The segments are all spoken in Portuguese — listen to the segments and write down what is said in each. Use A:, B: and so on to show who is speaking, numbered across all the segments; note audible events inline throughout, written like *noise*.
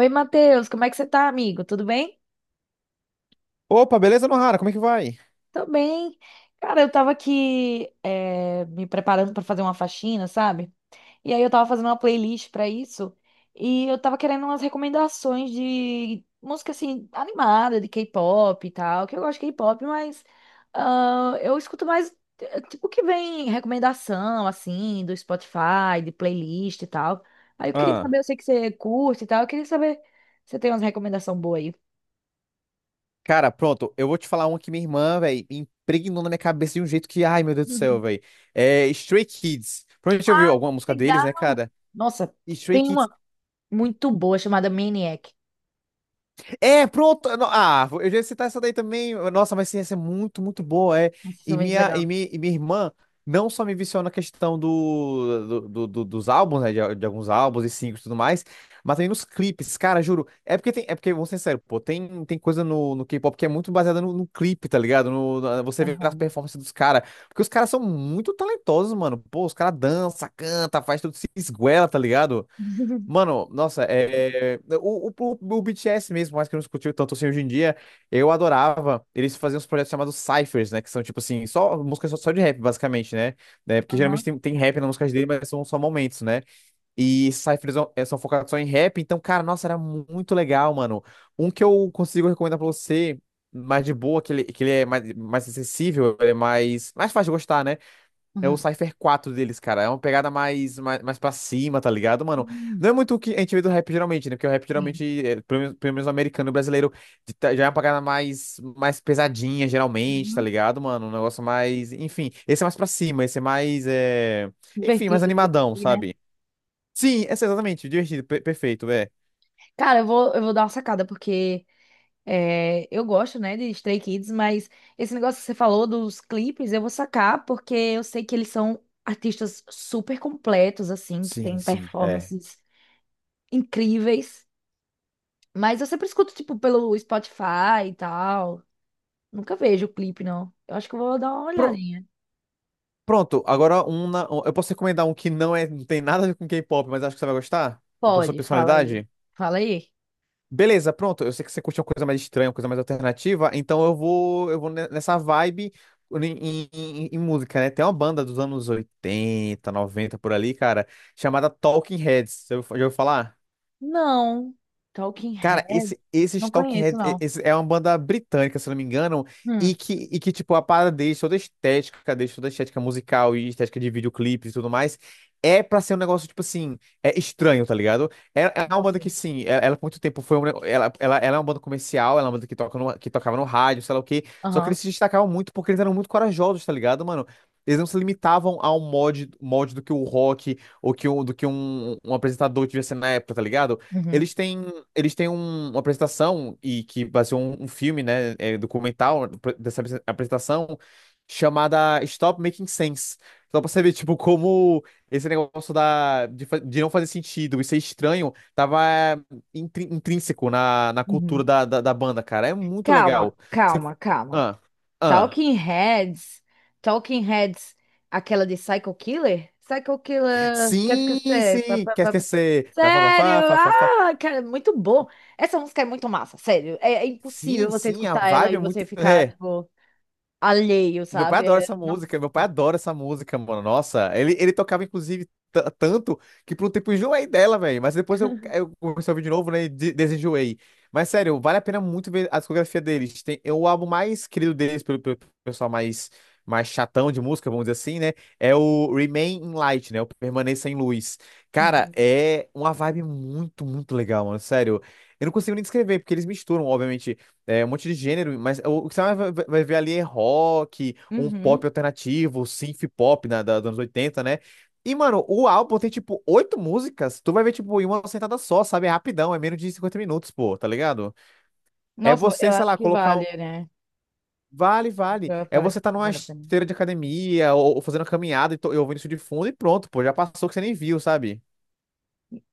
A: Oi, Matheus, como é que você tá, amigo? Tudo bem?
B: Opa, beleza, Nohara? Como é que vai?
A: Tô bem. Cara, eu tava aqui me preparando pra fazer uma faxina, sabe? E aí eu tava fazendo uma playlist pra isso e eu tava querendo umas recomendações de música assim animada, de K-pop e tal, que eu gosto de K-pop, mas ah, eu escuto mais tipo que vem recomendação assim do Spotify, de playlist e tal. Aí eu queria
B: Ah,
A: saber, eu sei que você curte e tal, eu queria saber se você tem umas recomendações boas aí.
B: cara, pronto. Eu vou te falar uma que minha irmã, velho, impregnou na minha cabeça de um jeito que, ai, meu Deus do céu,
A: *laughs*
B: velho. É Stray Kids. Provavelmente já ouviu
A: Ah,
B: alguma música deles,
A: legal!
B: né, cara?
A: Nossa,
B: E Stray
A: tem uma
B: Kids
A: muito boa chamada Maniac.
B: É, pronto. Ah, eu já ia citar essa daí também. Nossa, mas sim, essa é muito, muito boa. É.
A: Nossa, isso é
B: E
A: muito
B: minha, e
A: legal.
B: mi- e minha, irmã não só me viciou na questão dos álbuns, né? De alguns álbuns e singles e tudo mais, mas também nos clipes, cara, juro. É porque, vou ser sincero, pô, tem coisa no K-pop que é muito baseada no clipe, tá ligado? No, na- Você vê as
A: Aham,
B: performances dos caras. Porque os caras são muito talentosos, mano. Pô, os caras dançam, canta, faz tudo, se esguela, tá ligado? Mano, nossa, o BTS mesmo, mais que eu não escutei tanto assim hoje em dia, eu adorava. Eles faziam uns projetos chamados Cyphers, né? Que são tipo assim, só músicas só de rap, basicamente, né? Né, porque geralmente
A: aham,
B: tem, tem rap nas músicas dele, mas são só momentos, né? E Cyphers são focados só em rap, então, cara, nossa, era muito legal, mano. Um que eu consigo recomendar pra você, mais de boa, que ele é mais acessível, ele é mais fácil de gostar, né? É o
A: aham.
B: Cypher 4 deles, cara. É uma pegada mais pra cima, tá ligado, mano?
A: Hum,
B: Não é muito o que a gente vê do rap geralmente, né? Porque o rap
A: sim.
B: geralmente, pelo menos o americano e o brasileiro, já é uma pegada mais pesadinha, geralmente, tá
A: Uhum.
B: ligado, mano? Um negócio mais. Enfim, esse é mais pra cima, esse é mais. Enfim, mais
A: Divertido, digamos
B: animadão,
A: assim, né?
B: sabe? Sim, esse é assim, exatamente, divertido, perfeito, é.
A: Cara, eu vou dar uma sacada, porque é, eu gosto, né, de Stray Kids, mas esse negócio que você falou dos clipes, eu vou sacar, porque eu sei que eles são artistas super completos, assim, que
B: Sim,
A: têm
B: sim, é.
A: performances incríveis. Mas eu sempre escuto, tipo, pelo Spotify e tal. Nunca vejo o clipe, não. Eu acho que eu vou dar uma
B: Pro-
A: olhadinha.
B: Pronto, agora um, na- um- eu posso recomendar um que não tem nada a ver com K-pop, mas acho que você vai gostar? É. Por sua
A: Pode, fala aí.
B: personalidade?
A: Fala aí.
B: Beleza, pronto. Eu sei que você curte uma coisa mais estranha, uma coisa mais alternativa, então eu vou nessa vibe em, música, né? Tem uma banda dos anos 80, 90 por ali, cara, chamada Talking Heads. Você já ouviu falar?
A: Não. Talking
B: Cara,
A: Head.
B: esse, esses
A: Não
B: Talking
A: conheço,
B: Heads e-
A: não.
B: esse é uma banda britânica, se não me engano, e
A: Hum.
B: que tipo, a parada deles, toda a estética deles, toda a estética musical e estética de videoclipes e tudo mais, é pra ser um negócio, tipo assim, é estranho, tá ligado? É, é uma banda
A: Nossa.
B: que, sim, ela por muito tempo foi um, ne- ela é uma banda comercial, ela é uma banda que tocava no rádio, sei lá o quê, só que
A: Aham.
B: eles se destacavam muito porque eles eram muito corajosos, tá ligado, mano? Eles não se limitavam ao mod do que o rock ou do que um apresentador devia ser na época, tá ligado?
A: Uhum.
B: Eles têm eles têm uma apresentação e que baseou um filme, né, documental dessa apresentação chamada Stop Making Sense. Só pra saber, tipo, como esse negócio de não fazer sentido e ser estranho tava intrínseco na cultura
A: Uhum.
B: da banda, cara. É muito
A: Calma,
B: legal. Você-
A: calma, calma.
B: Ah, ah.
A: Talking Heads. Talking Heads. Aquela de Psycho Killer? Psycho Killer. Quer
B: Sim,
A: esquecer? Pá,
B: sim,
A: pá,
B: quer
A: pá, pá.
B: esquecer. Fá, fá,
A: Sério?
B: fá, fá, fá, fá.
A: Ah, cara, muito bom. Essa música é muito massa, sério. É impossível
B: Sim,
A: você
B: sim, a
A: escutar ela
B: vibe
A: e
B: é muito.
A: você ficar,
B: É.
A: tipo. Alheio,
B: Meu pai
A: sabe?
B: adora essa
A: Nossa.
B: música, meu pai adora essa música, mano. Nossa, ele tocava, inclusive, tanto que por um tempo eu enjoei dela, velho. Mas depois eu comecei a ouvir de novo, né? E desenjoei. Mas sério, vale a pena muito ver a discografia deles. Tem, é o álbum mais querido deles, pelo pessoal mais chatão de música, vamos dizer assim, né? É o Remain in Light, né? O Permaneça em Luz. Cara,
A: Uhum.
B: é uma vibe muito, muito legal, mano. Sério. Eu não consigo nem descrever, porque eles misturam, obviamente. É, um monte de gênero, mas o que você ver ali é rock, um
A: Uhum.
B: pop alternativo, synth pop né, dos anos 80, né? E, mano, o álbum tem, tipo, oito músicas, tu vai ver, tipo, em uma sentada só, sabe? É rapidão, é menos de 50 minutos, pô, tá ligado? É
A: Nossa, eu
B: você, sei
A: acho
B: lá,
A: que
B: colocar...
A: vale, né?
B: Vale, vale.
A: Eu
B: É
A: falei,
B: você tá numa
A: vale a pena.
B: esteira de academia ou fazendo uma caminhada e ouvindo isso de fundo e pronto, pô, já passou que você nem viu, sabe?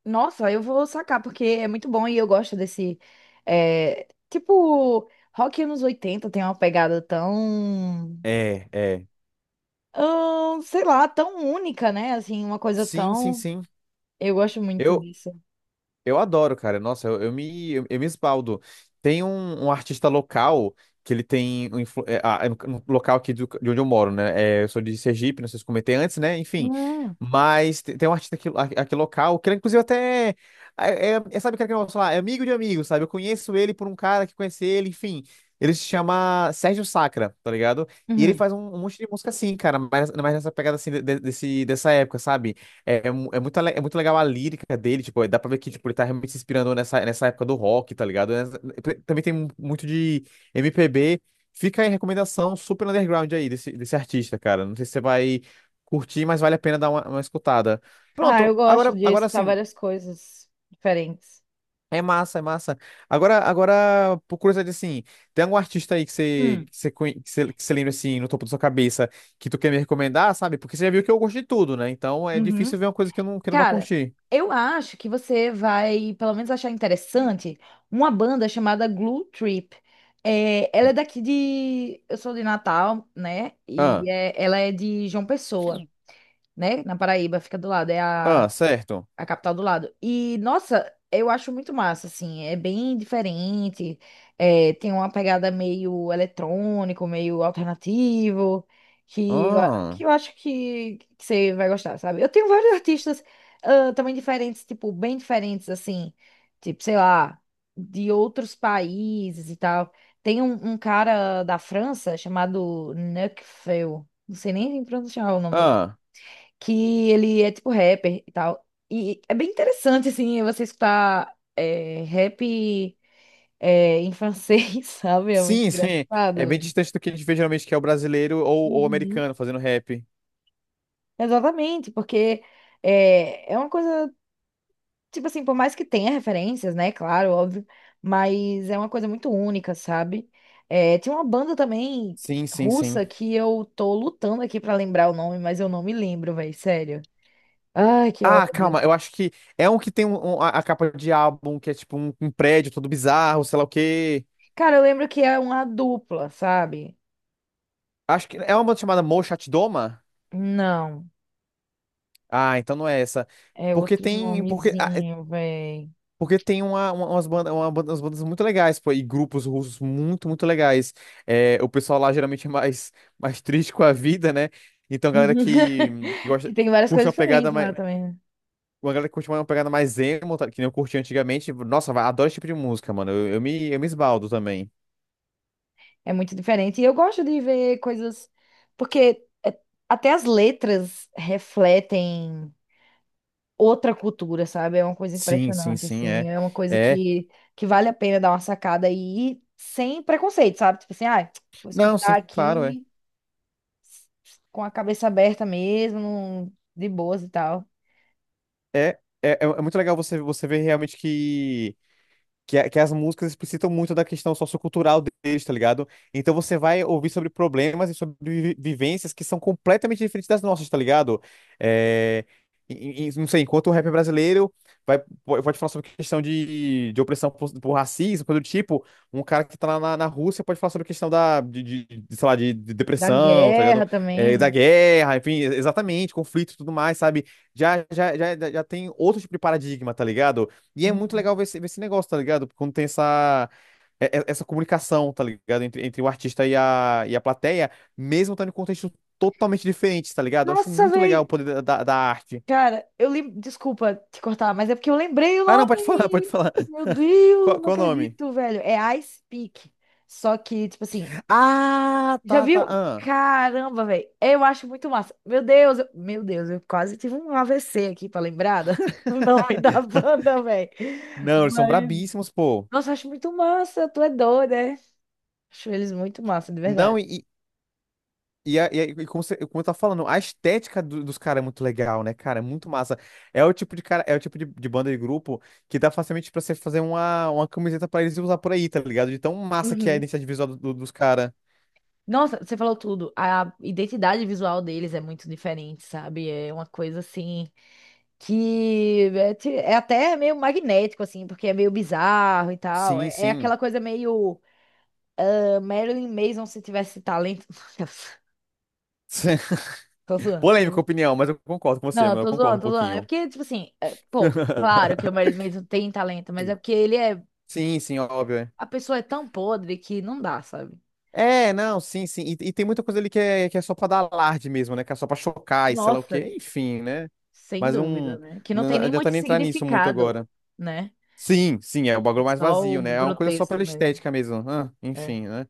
A: Nossa, eu vou sacar, porque é muito bom e eu gosto desse. É, tipo, rock anos 80 tem uma pegada tão.
B: É, é.
A: Sei lá, tão única, né? Assim, uma coisa
B: Sim, sim,
A: tão.
B: sim.
A: Eu gosto muito
B: eu
A: disso.
B: Eu adoro, cara. Nossa, eu me esbaldo. Tem um artista local que ele tem. É no local aqui de onde eu moro, né? É, eu sou de Sergipe, não sei se comentei antes, né? Enfim.
A: Não.
B: Mas tem um artista aqui, aqui local, que ele, inclusive até. É, sabe aquele que eu falar? É amigo de amigo, sabe? Eu conheço ele por um cara que conhece ele, enfim. Ele se chama Sérgio Sacra, tá ligado? E ele
A: Uhum.
B: faz um monte de música assim, cara, mas nessa pegada assim dessa época, sabe? É muito legal a lírica dele, tipo, dá pra ver que tipo, ele tá realmente se inspirando nessa época do rock, tá ligado? Também tem muito de MPB. Fica aí a recomendação super underground aí desse artista, cara. Não sei se você vai curtir, mas vale a pena dar uma escutada.
A: Ah, eu
B: Pronto,
A: gosto
B: agora,
A: de
B: agora
A: escutar
B: sim,
A: várias coisas diferentes.
B: é massa, é massa. Agora, por curiosidade, assim, tem algum artista aí
A: Hum.
B: que você, conhe- que você lembra, assim, no topo da sua cabeça, que tu quer me recomendar, sabe? Porque você já viu que eu gosto de tudo, né? Então é
A: Uhum.
B: difícil ver uma coisa que eu não vá
A: Cara,
B: curtir.
A: eu acho que você vai, pelo menos, achar interessante uma banda chamada Glue Trip. É, ela é daqui de. Eu sou de Natal, né?
B: Ah.
A: Ela é de João Pessoa, né? Na Paraíba, fica do lado. É a
B: Ah, certo.
A: a capital do lado. E, nossa, eu acho muito massa, assim. É bem diferente. É, tem uma pegada meio eletrônico, meio alternativo, que, eu a-
B: Ah,
A: que eu acho que você vai gostar, sabe? Eu tenho vários artistas também diferentes, tipo, bem diferentes, assim. Tipo, sei lá, de outros países e tal. Tem um cara da França chamado Nekfeu. Não sei nem pronunciar o nome do
B: ah.
A: que ele é tipo rapper e tal. E é bem interessante, assim, você escutar rap em francês, *laughs* sabe? É muito
B: Sim, *laughs* sim. É bem
A: engraçado.
B: distante do que a gente vê geralmente, que é o brasileiro ou o
A: Uhum.
B: americano fazendo rap.
A: Exatamente, porque é uma coisa, tipo assim, por mais que tenha referências, né? Claro, óbvio, mas é uma coisa muito única, sabe? É, tinha uma banda também
B: Sim, sim, sim.
A: russa que eu tô lutando aqui pra lembrar o nome, mas eu não me lembro, velho, sério. Ai, que
B: Ah,
A: ódio.
B: calma, eu acho que é um que tem a capa de álbum que é tipo um prédio todo bizarro, sei lá o quê.
A: Cara, eu lembro que é uma dupla, sabe?
B: Acho que é uma banda chamada Mo Chat Doma?
A: Não,
B: Ah, então não é essa.
A: é
B: Porque
A: outro
B: tem.
A: nomezinho, véi.
B: Porque tem umas bandas muito legais, pô, e grupos russos muito, muito legais. É, o pessoal lá geralmente é mais, *laughs* mais triste com a vida, né? Então, a galera que
A: *laughs* Que
B: gosta,
A: tem várias
B: curte
A: coisas
B: uma pegada
A: diferentes lá
B: mais.
A: também, né?
B: Uma galera que curte uma pegada mais emo, tá, que nem eu curti antigamente. Nossa, adoro esse tipo de música, mano. Eu me esbaldo também.
A: É muito diferente. E eu gosto de ver coisas. Porque até as letras refletem outra cultura, sabe? É uma coisa
B: Sim, sim,
A: impressionante,
B: sim,
A: assim.
B: é.
A: É uma coisa
B: É.
A: que vale a pena dar uma sacada e ir sem preconceito, sabe? Tipo assim, ah, vou
B: Não, sim,
A: escutar
B: claro, é.
A: aqui com a cabeça aberta mesmo, de boas e tal.
B: É muito legal você, ver realmente que. Que, as músicas explicitam muito da questão sociocultural deles, tá ligado? Então você vai ouvir sobre problemas e sobre vivências que são completamente diferentes das nossas, tá ligado? É, não sei, enquanto o rap brasileiro pode falar sobre questão de opressão por racismo, coisa do tipo, um cara que tá lá na Rússia pode falar sobre questão de, sei lá, de
A: Da
B: depressão, tá
A: guerra
B: ligado? É, da
A: também.
B: guerra, enfim, exatamente, conflito e tudo mais, sabe? Já tem outro tipo de paradigma, tá ligado? E é muito
A: Uhum.
B: legal ver esse negócio, tá ligado? Quando tem essa comunicação, tá ligado? Entre o artista e a plateia, mesmo estando em contextos totalmente diferentes, tá ligado? Eu acho
A: Nossa,
B: muito legal o
A: velho.
B: poder da arte.
A: Cara, desculpa te cortar, mas é porque eu lembrei o
B: Ah, não, pode *laughs* falar, pode
A: nome.
B: falar.
A: Meu
B: *laughs*
A: Deus,
B: Qual,
A: não
B: qual o nome?
A: acredito, velho. É Ice Peak. Só que, tipo assim,
B: Ah,
A: já
B: tá, tá.
A: viu?
B: Ah.
A: Caramba, velho. Eu acho muito massa. Meu Deus, meu Deus, eu quase tive um AVC aqui pra lembrada. *laughs* O nome da banda, velho.
B: Não, eles são
A: Mas,
B: brabíssimos, pô.
A: nossa, eu acho muito massa. Tu é doida, né? Acho eles muito massa, de
B: Não,
A: verdade.
B: e, como eu tava falando, a estética dos caras é muito legal, né, cara? É muito massa. É o tipo de cara, é o tipo de banda e grupo que dá facilmente pra você fazer uma camiseta pra eles usar por aí, tá ligado? De tão massa que é a
A: Uhum.
B: identidade visual dos caras.
A: Nossa, você falou tudo. A identidade visual deles é muito diferente, sabe? É uma coisa assim que é até meio magnético, assim, porque é meio bizarro e tal.
B: Sim,
A: É
B: sim.
A: aquela coisa meio Marilyn Manson se tivesse talento. *laughs* Tô
B: *laughs*
A: zoando.
B: Polêmica opinião, mas eu concordo com você,
A: Não,
B: eu
A: tô
B: concordo
A: zoando,
B: um
A: tô zoando. É
B: pouquinho.
A: porque, tipo assim, pô, claro que o
B: *laughs*
A: Marilyn Manson tem talento, mas é porque ele é.
B: Sim, sim, óbvio, é.
A: A pessoa é tão podre que não dá, sabe?
B: É, não, sim, sim. E tem muita coisa ali que é só pra dar alarde mesmo, né? Que é só pra chocar e sei lá o
A: Nossa,
B: quê, enfim, né?
A: sem
B: Mas
A: dúvida,
B: não,
A: né? Que não
B: não
A: tem nem
B: adianta
A: muito
B: nem entrar nisso muito
A: significado,
B: agora.
A: né?
B: Sim, sim, é o bagulho mais
A: Só
B: vazio,
A: o
B: né? É uma coisa só
A: grotesco
B: pela
A: mesmo.
B: estética mesmo. Ah,
A: É.
B: enfim, né?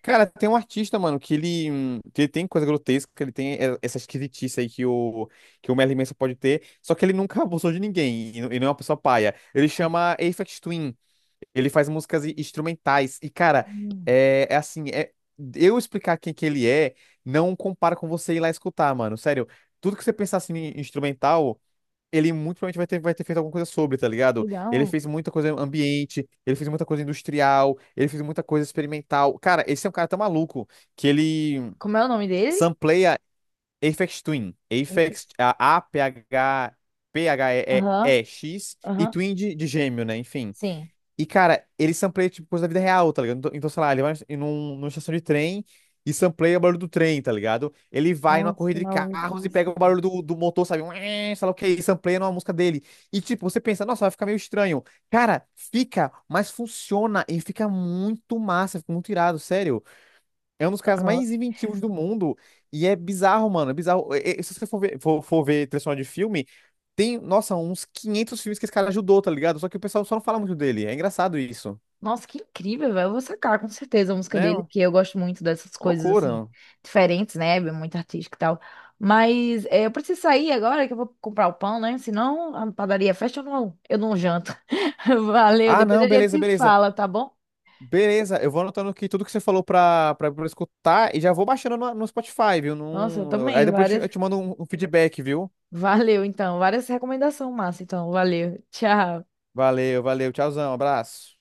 B: Cara, tem um artista, mano, que ele tem coisa grotesca, ele tem essa esquisitice aí que o Merlin Manson pode ter, só que ele nunca *laughs* abusou de ninguém, e não é uma pessoa paia. Ele chama Aphex Twin, ele faz músicas instrumentais, e cara,
A: Hum,
B: é assim, eu explicar quem que ele é, não compara com você ir lá escutar, mano, sério. Tudo que você pensar assim em instrumental ele muito provavelmente vai ter feito alguma coisa sobre, tá ligado? Ele
A: legal.
B: fez muita coisa ambiente, ele fez muita coisa industrial, ele fez muita coisa experimental. Cara, esse é um cara tão maluco que ele
A: Como é o nome dele?
B: sampleia Aphex Twin, Aphex
A: Enfis.
B: A-P-H, P-H-E-E-X, e
A: Aham,
B: E X, e
A: aham.
B: Twin de gêmeo, né? Enfim.
A: Sim.
B: E, cara, ele sampleia, tipo, coisa da vida real, tá ligado? Então, sei lá, ele vai numa estação de trem e sampleia o barulho do trem, tá ligado? Ele vai numa
A: Nossa, que
B: corrida de carros e pega o
A: maluquice.
B: barulho do motor, sabe? Sei lá o que, e sampleia numa música dele. E, tipo, você pensa, nossa, vai ficar meio estranho. Cara, fica, mas funciona e fica muito massa, fica muito irado, sério. É um dos caras
A: Aham.
B: mais inventivos do mundo. E é bizarro, mano. É bizarro. Se você for ver, for ver trilha sonora de filme, tem, nossa, uns 500 filmes que esse cara ajudou, tá ligado? Só que o pessoal só não fala muito dele. É engraçado isso,
A: Nossa, que incrível, velho. Eu vou sacar com certeza a música
B: né? É
A: dele,
B: uma
A: porque eu gosto muito dessas coisas assim,
B: loucura.
A: diferentes, né? É muito artística e tal. Mas eu preciso sair agora que eu vou comprar o pão, né? Senão a padaria fecha, eu não janto. *laughs* Valeu,
B: Ah,
A: depois
B: não,
A: a gente
B: beleza,
A: se
B: beleza.
A: fala, tá bom?
B: Beleza, eu vou anotando aqui tudo que você falou pra eu escutar e já vou baixando no Spotify, viu?
A: Nossa, eu
B: Aí
A: também,
B: depois eu te
A: várias.
B: mando um feedback, viu?
A: Valeu, então. Várias recomendações, massa. Então, valeu. Tchau.
B: Valeu, valeu. Tchauzão, abraço.